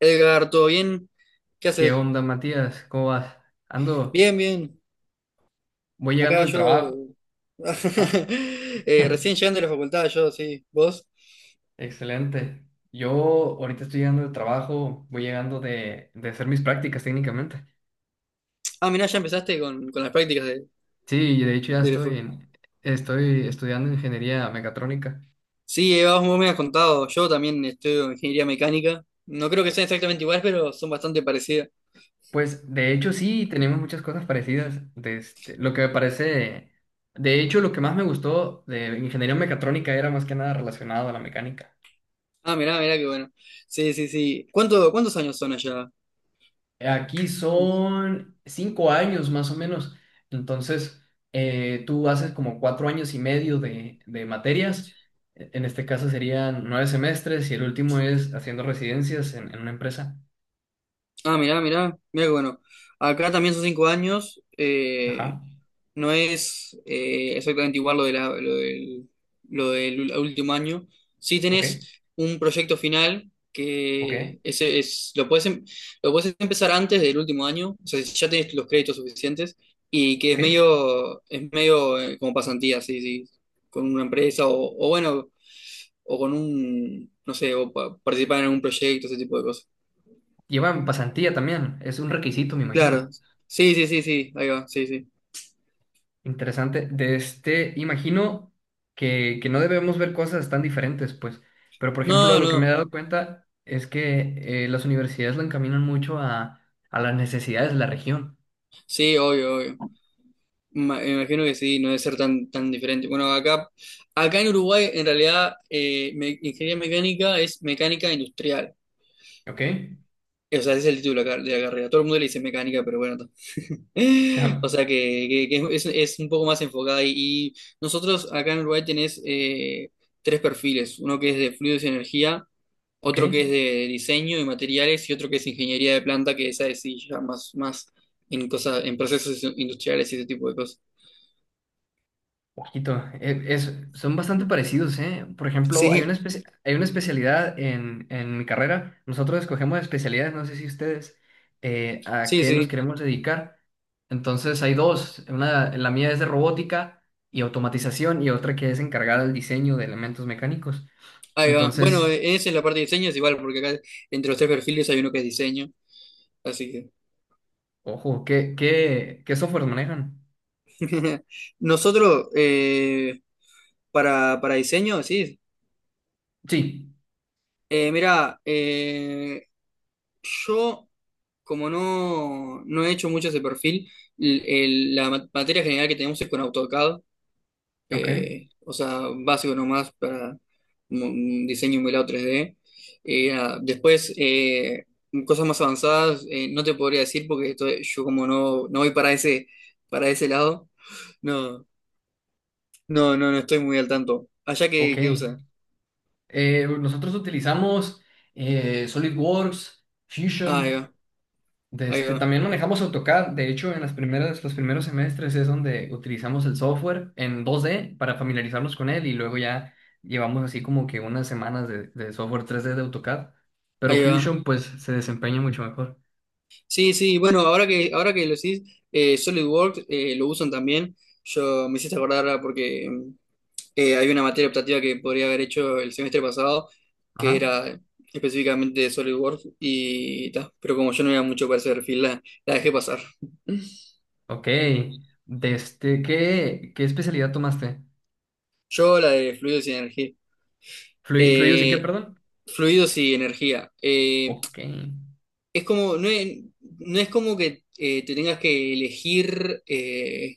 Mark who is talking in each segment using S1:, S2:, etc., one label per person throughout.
S1: Edgar, ¿todo bien? ¿Qué
S2: ¿Qué
S1: haces?
S2: onda, Matías? ¿Cómo vas? Ando,
S1: Bien, bien.
S2: voy llegando
S1: Acá
S2: del trabajo.
S1: yo.
S2: Ah,
S1: Recién llegando de la facultad, yo, sí. ¿Vos?
S2: excelente. Yo ahorita estoy llegando del trabajo, voy llegando de hacer mis prácticas técnicamente.
S1: Ah, mirá, ya empezaste con las prácticas
S2: Sí, y de hecho ya
S1: de la
S2: estoy,
S1: facu.
S2: estoy estudiando ingeniería mecatrónica.
S1: Sí, vos me has contado. Yo también estudio ingeniería mecánica. No creo que sean exactamente iguales, pero son bastante parecidas.
S2: Pues de hecho sí, tenemos muchas cosas parecidas. Lo que me parece, de hecho lo que más me gustó de ingeniería mecatrónica era más que nada relacionado a la mecánica.
S1: Ah, mirá, mirá, qué bueno. Sí, sí, sí. Cuántos años son allá?
S2: Aquí son cinco años más o menos. Entonces, tú haces como cuatro años y medio de materias. En este caso serían nueve semestres y el último es haciendo residencias en una empresa.
S1: Ah, mirá, mirá, mirá, qué bueno. Acá también son cinco años.
S2: Ajá.
S1: No es exactamente igual lo del último año. Sí
S2: Ok,
S1: tenés un proyecto final
S2: ok,
S1: que ese es, lo puedes, lo puedes empezar antes del último año, o sea, si ya tenés los créditos suficientes y que
S2: ok.
S1: es medio como pasantía, sí, sí, con una empresa o bueno, o con un, no sé, o participar en algún proyecto, ese tipo de cosas.
S2: Llevan pasantía también. Es un requisito, me
S1: Claro,
S2: imagino.
S1: sí, sí, sí, sí, ahí va, sí, sí.
S2: Interesante. Imagino que no debemos ver cosas tan diferentes, pues. Pero, por ejemplo,
S1: No,
S2: lo que me he
S1: no,
S2: dado cuenta es que las universidades lo encaminan mucho a las necesidades de la región.
S1: sí, obvio, obvio. Me imagino que sí, no debe ser tan, tan diferente. Bueno, acá, acá en Uruguay, en realidad, ingeniería mecánica es mecánica industrial.
S2: ¿Ok?
S1: O sea, ese es el título de de la carrera. Todo el mundo le dice mecánica, pero bueno.
S2: Ah,
S1: O sea, que, que es un poco más enfocada. Y nosotros acá en Uruguay tenés tres perfiles. Uno que es de fluidos y energía,
S2: ¿ok?
S1: otro que es de diseño y materiales y otro que es ingeniería de planta, que esa es sí, ya más, más en cosas, en procesos industriales y ese tipo de cosas.
S2: Quito, es, son bastante parecidos, ¿eh? Por ejemplo, hay una
S1: Sí.
S2: especie, hay una especialidad en mi carrera. Nosotros escogemos especialidades, no sé si ustedes, a
S1: Sí,
S2: qué nos
S1: sí.
S2: queremos dedicar. Entonces hay dos, una, la mía es de robótica y automatización y otra que es encargada del diseño de elementos mecánicos.
S1: Ahí va. Bueno,
S2: Entonces,
S1: esa es la parte de diseño, es igual, porque acá entre los tres perfiles hay uno que es diseño, así que.
S2: ojo, ¿qué qué software manejan?
S1: Nosotros, para diseño, sí.
S2: Sí,
S1: Mira, yo, como no, no he hecho mucho ese perfil, materia general que tenemos es con AutoCAD,
S2: ok,
S1: o sea, básico nomás para un diseño emulado 3D. Después, cosas más avanzadas, no te podría decir porque yo como no, no voy para ese lado, no, no, no, no estoy muy al tanto. Allá
S2: ok.
S1: que usa.
S2: Nosotros utilizamos SolidWorks,
S1: Ah, ahí
S2: Fusion.
S1: va, ahí va,
S2: También manejamos AutoCAD. De hecho, en las primeras, los primeros semestres es donde utilizamos el software en 2D para familiarizarnos con él y luego ya llevamos así como que unas semanas de software 3D de AutoCAD. Pero
S1: ahí va.
S2: Fusion pues se desempeña mucho mejor.
S1: Sí, sí, bueno, ahora que lo decís, SolidWorks lo usan también. Yo me hiciste acordar ahora porque hay una materia optativa que podría haber hecho el semestre pasado, que
S2: Ajá.
S1: era específicamente de SolidWorks, y ta, pero como yo no era mucho para ese perfil, la dejé pasar.
S2: Ok. ¿Qué, qué especialidad tomaste?
S1: Yo la de fluidos y energía.
S2: ¿Fluidos y qué,
S1: Eh,
S2: perdón?
S1: fluidos y energía.
S2: Ok.
S1: Es como, no es, no es como que te tengas que elegir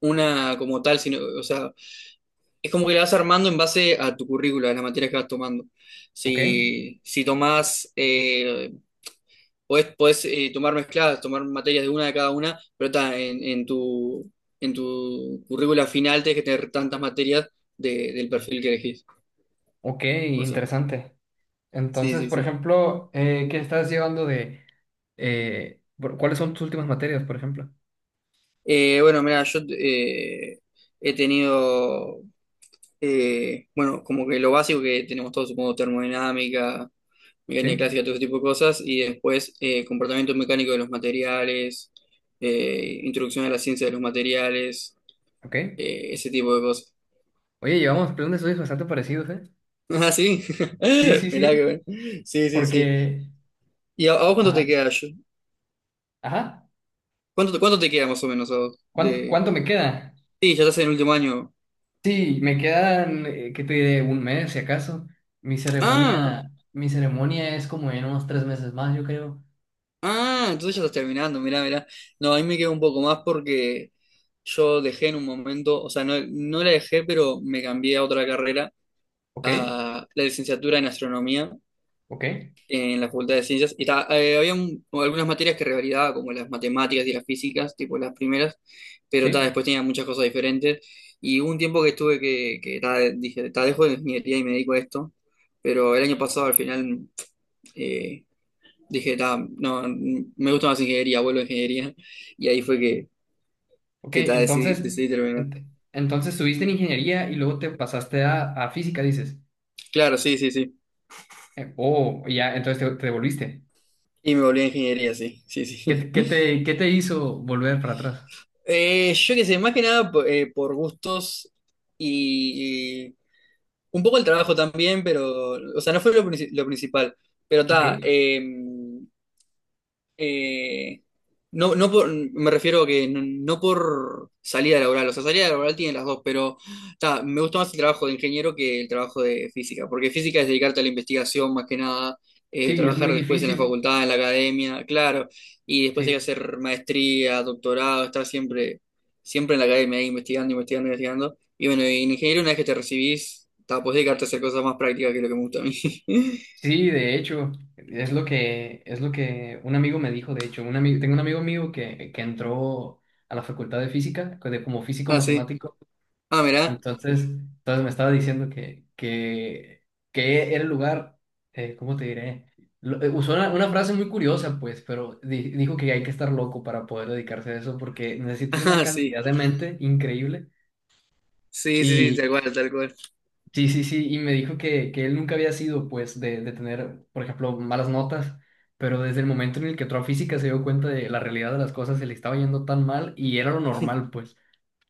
S1: una como tal, sino, o sea, es como que la vas armando en base a tu currícula, a las materias que vas tomando.
S2: Ok.
S1: Si, si tomás podés, podés, tomar mezcladas, tomar materias de una de cada una, pero ta, en tu currícula final tenés que tener tantas materias del perfil que elegís.
S2: Ok,
S1: O sea,
S2: interesante.
S1: sí,
S2: Entonces,
S1: sí,
S2: por
S1: sí.
S2: ejemplo, ¿qué estás llevando de... ¿cuáles son tus últimas materias, por ejemplo?
S1: Bueno, mira, yo he tenido, bueno, como que lo básico que tenemos todos, supongo, termodinámica,
S2: Sí,
S1: mecánica clásica, todo ese tipo de cosas, y después comportamiento mecánico de los materiales, introducción a la ciencia de los materiales,
S2: ok.
S1: ese tipo de cosas.
S2: Oye, llevamos plan de estudios bastante parecidos, ¿eh?
S1: Ah, sí.
S2: Sí, sí,
S1: Mirá que
S2: sí,
S1: bueno. Sí, sí, sí.
S2: porque...
S1: ¿Y a vos cuánto te
S2: Ajá,
S1: queda?
S2: ajá.
S1: ¿Cuánto, cuánto te queda más o menos a vos? De...
S2: ¿Cuánto me queda?
S1: Sí, ya estás en el último año.
S2: Sí, me quedan, ¿qué te diré? Un mes, si acaso.
S1: Ah,
S2: Mi ceremonia es como en unos tres meses más, yo creo.
S1: ah, entonces ya estás terminando, mirá, mirá. No, a mí me queda un poco más porque yo dejé en un momento, o sea, no, no la dejé, pero me cambié a otra carrera,
S2: Ok,
S1: a la licenciatura en astronomía
S2: ok,
S1: en la Facultad de Ciencias. Y había algunas materias que revalidaba, como las matemáticas y las físicas, tipo las primeras, pero ta, después
S2: sí.
S1: tenía muchas cosas diferentes. Y hubo un tiempo que estuve que ta, dije, ta, dejo de ingeniería y me dedico a esto. Pero el año pasado al final eh, dije, ta, no, me gusta más ingeniería, vuelvo a ingeniería. Y ahí fue
S2: Ok,
S1: que ta, decidí,
S2: entonces,
S1: decidí terminar.
S2: ent- entonces estuviste en ingeniería y luego te pasaste a física, dices.
S1: Claro, sí, sí, sí.
S2: Oh, ya, entonces te devolviste.
S1: Y me volví a ingeniería, sí, sí,
S2: ¿Qué,
S1: sí.
S2: te, qué te qué te hizo volver para atrás?
S1: Yo qué sé, más que nada por gustos y, un poco el trabajo también, pero, o sea, no fue lo, lo principal. Pero
S2: Ok.
S1: está, eh, no, no por, me refiero a que no, no por salida laboral, o sea, salida laboral tiene las dos, pero ta, me gusta más el trabajo de ingeniero que el trabajo de física, porque física es dedicarte a la investigación más que nada,
S2: Sí, es muy
S1: trabajar después en la
S2: difícil.
S1: facultad, en la academia, claro, y después hay que
S2: Sí,
S1: hacer maestría, doctorado, estar siempre, siempre en la academia, ahí investigando, investigando, investigando. Y bueno, y en ingeniero una vez que te recibís, ta, podés dedicarte a hacer cosas más prácticas que es lo que me gusta a mí.
S2: sí, de hecho, es lo que un amigo me dijo, de hecho, un amigo, tengo un amigo mío que entró a la facultad de física, como físico
S1: Ah, sí.
S2: matemático,
S1: Ah, mirá.
S2: entonces, entonces me estaba diciendo que era el lugar, ¿cómo te diré? Usó una frase muy curiosa, pues, pero dijo que hay que estar loco para poder dedicarse a eso, porque necesitas una
S1: Ah, sí.
S2: cantidad de mente increíble.
S1: Sí, sí, sí, tal cual, tal cual.
S2: Sí, sí, sí, y me dijo que él nunca había sido, pues, de tener, por ejemplo, malas notas, pero desde el momento en el que entró a física se dio cuenta de la realidad de las cosas, se le estaba yendo tan mal y era lo normal, pues.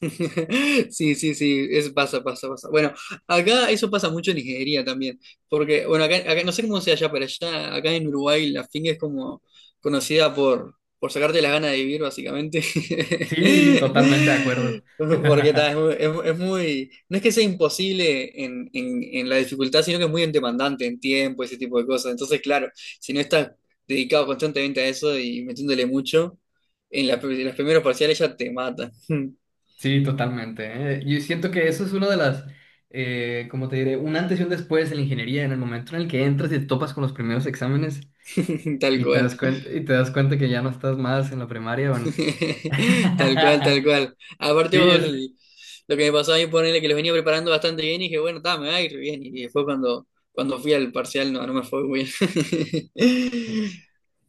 S1: Sí, sí, sí, es, pasa, pasa, pasa. Bueno, acá eso pasa mucho en Nigeria también, porque, bueno, acá, no sé cómo sea allá, pero allá, acá en Uruguay la finga es como conocida por sacarte las ganas de vivir, básicamente.
S2: Sí, totalmente de acuerdo.
S1: Porque ta, es, muy, no es que sea imposible en la dificultad, sino que es muy demandante en tiempo, ese tipo de cosas. Entonces, claro, si no estás dedicado constantemente a eso y metiéndole mucho, en, en los primeros parciales ya te mata.
S2: Sí, totalmente, ¿eh? Yo siento que eso es una de las, como te diré, un antes y un después en la ingeniería, en el momento en el que entras y te topas con los primeros exámenes
S1: Tal
S2: y te
S1: cual.
S2: das cuenta, y te das cuenta que ya no estás más en la primaria o en...
S1: Tal cual, tal cual. Aparte
S2: Sí,
S1: vos,
S2: es-
S1: lo que me pasó a mí, ponerle que los venía preparando bastante bien y dije, bueno, está, me va a ir bien. Y después cuando, cuando fui al parcial, no, no me fue muy bien.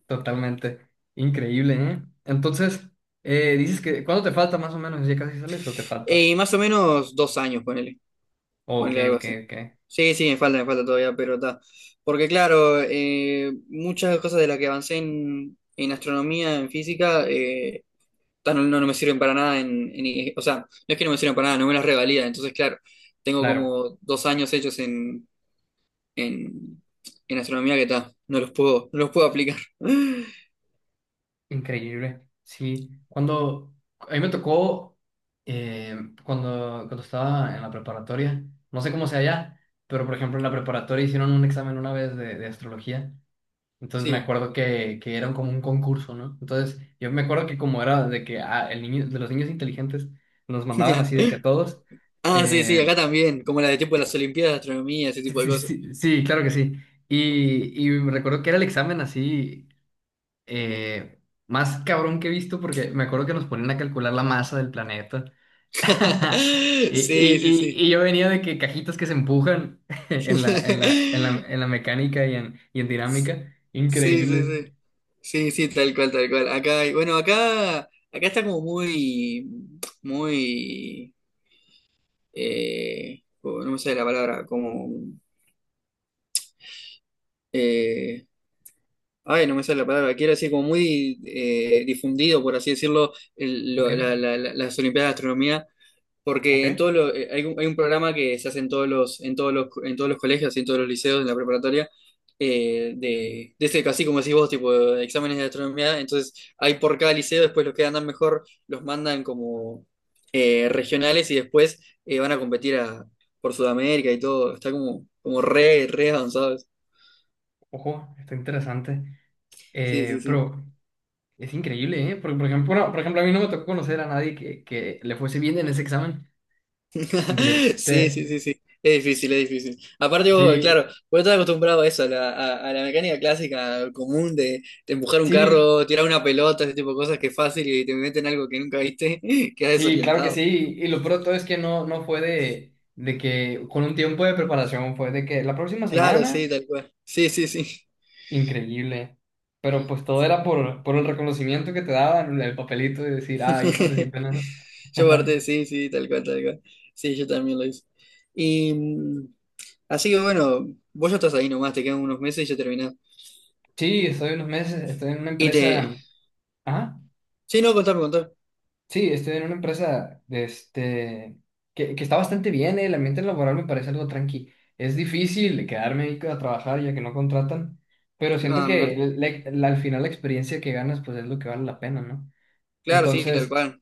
S2: totalmente. Increíble, ¿eh? Entonces, dices que, ¿cuándo te falta más o menos? ¿Ya casi sales o te falta?
S1: Y más o menos dos años, ponele.
S2: Oh, ok,
S1: Ponele algo
S2: ok,
S1: así.
S2: ok.
S1: Sí, sí, me falta todavía, pero está. Porque claro, muchas cosas de las que avancé en astronomía, en física, no, no, no me sirven para nada o sea, no es que no me sirven para nada, no me las revalida. Entonces, claro, tengo
S2: Claro,
S1: como dos años hechos en, en astronomía que está, no los puedo, no los puedo aplicar.
S2: increíble. Sí, cuando, a mí me tocó, eh, cuando estaba en la preparatoria, no sé cómo sea allá, pero por ejemplo en la preparatoria hicieron un examen una vez de astrología. Entonces me
S1: Sí.
S2: acuerdo que era como un concurso, ¿no? Entonces yo me acuerdo que como era de que ah, el niño, de los niños inteligentes nos mandaban así de que a todos.
S1: Ah, sí, sí,
S2: Eh,
S1: acá también, como la de tipo de las Olimpiadas de Astronomía, ese
S2: Sí,
S1: tipo de
S2: sí,
S1: cosas.
S2: sí, sí, claro que sí. Y me recuerdo que era el examen así eh, más cabrón que he visto porque me acuerdo que nos ponían a calcular la masa del planeta. Y,
S1: Sí, sí, sí.
S2: yo venía de que cajitas que se empujan en la mecánica y en dinámica.
S1: Sí, sí,
S2: Increíble.
S1: sí. Sí, sí, tal cual, tal cual. Acá, bueno, acá, acá está como muy, muy oh, no me sale la palabra, como, eh, ay, no me sale la palabra, quiero decir, como muy difundido, por así decirlo,
S2: Ok,
S1: las Olimpiadas de Astronomía.
S2: ok.
S1: Porque en todos los, hay un programa que se hace en todos los, en todos los, en todos los colegios, y en todos los liceos, en la preparatoria, de ese, así como decís vos, tipo, de exámenes de astronomía. Entonces, hay por cada liceo, después los que andan mejor los mandan como regionales y después van a competir a, por Sudamérica y todo. Está como, como re, re avanzados.
S2: Ojo, está interesante.
S1: Sí, sí,
S2: Eh,
S1: sí.
S2: pero es increíble, ¿eh? Porque, por ejemplo, no, por ejemplo, a mí no me tocó conocer a nadie que le fuese bien en ese examen. De
S1: Sí, sí,
S2: este.
S1: sí, sí. Es difícil, es difícil. Aparte, vos,
S2: Sí,
S1: claro, vos estás acostumbrado a eso, a la, a la mecánica clásica común de empujar un
S2: sí,
S1: carro, tirar una pelota, ese tipo de cosas que es fácil y te meten algo que nunca viste, quedas
S2: sí, claro que sí.
S1: desorientado.
S2: Y lo peor de todo es que no, no fue de que con un tiempo de preparación, fue de que la próxima
S1: Claro, sí,
S2: semana,
S1: tal cual. Sí, sí, sí.
S2: increíble. Pero pues todo era por el reconocimiento que te daban, el papelito de decir, ah, yo participé en eso.
S1: Yo parte, sí, sí, tal cual, tal cual. Sí, yo también lo hice. Y mm, así que bueno, vos ya estás ahí nomás, te quedan unos meses y ya terminás.
S2: Sí, estoy unos meses, estoy en una
S1: Y te.
S2: empresa. Ajá.
S1: Sí, no, contame, contame.
S2: Sí, estoy en una empresa que está bastante bien, el ambiente laboral me parece algo tranqui. Es difícil quedarme ahí a trabajar ya que no contratan, pero siento
S1: Ah,
S2: que
S1: mira.
S2: al final la experiencia que ganas pues es lo que vale la pena, ¿no?
S1: Claro, sí, tal
S2: Entonces,
S1: cual.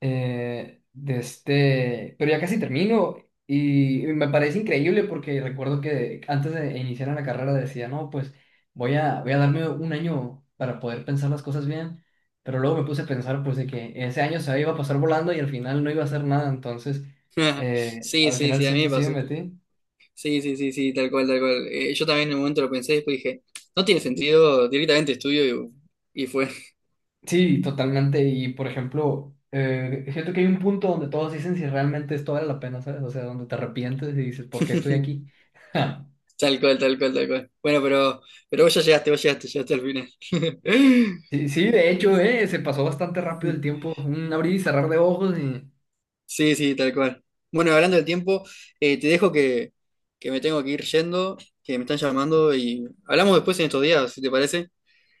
S2: pero ya casi termino y me parece increíble porque recuerdo que antes de iniciar en la carrera decía, no, pues voy a darme un año para poder pensar las cosas bien, pero luego me puse a pensar pues de que ese año se iba a pasar volando y al final no iba a hacer nada, entonces
S1: Sí,
S2: al
S1: sí,
S2: final
S1: sí, a mí
S2: siempre
S1: me
S2: sí me
S1: pasó.
S2: metí.
S1: Sí, sí, sí, sí, tal cual, tal cual. Yo también en un momento lo pensé después dije, no tiene sentido, directamente estudio y fue.
S2: Sí, totalmente, y por ejemplo, siento que hay un punto donde todos dicen si realmente esto vale la pena, ¿sabes? O sea, donde te arrepientes y dices, ¿por qué estoy aquí?
S1: Tal cual, tal cual, tal cual. Bueno, pero vos ya llegaste, vos llegaste, llegaste al final.
S2: Sí, sí, de hecho, se pasó bastante rápido el tiempo. Un abrir y cerrar de ojos y
S1: Sí, sí, tal cual. Bueno, hablando del tiempo, te dejo que me tengo que ir yendo, que me están llamando y hablamos después en estos días, si te parece.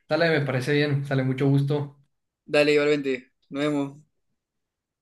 S2: sale, me parece bien, sale mucho gusto.
S1: Dale, igualmente, nos vemos.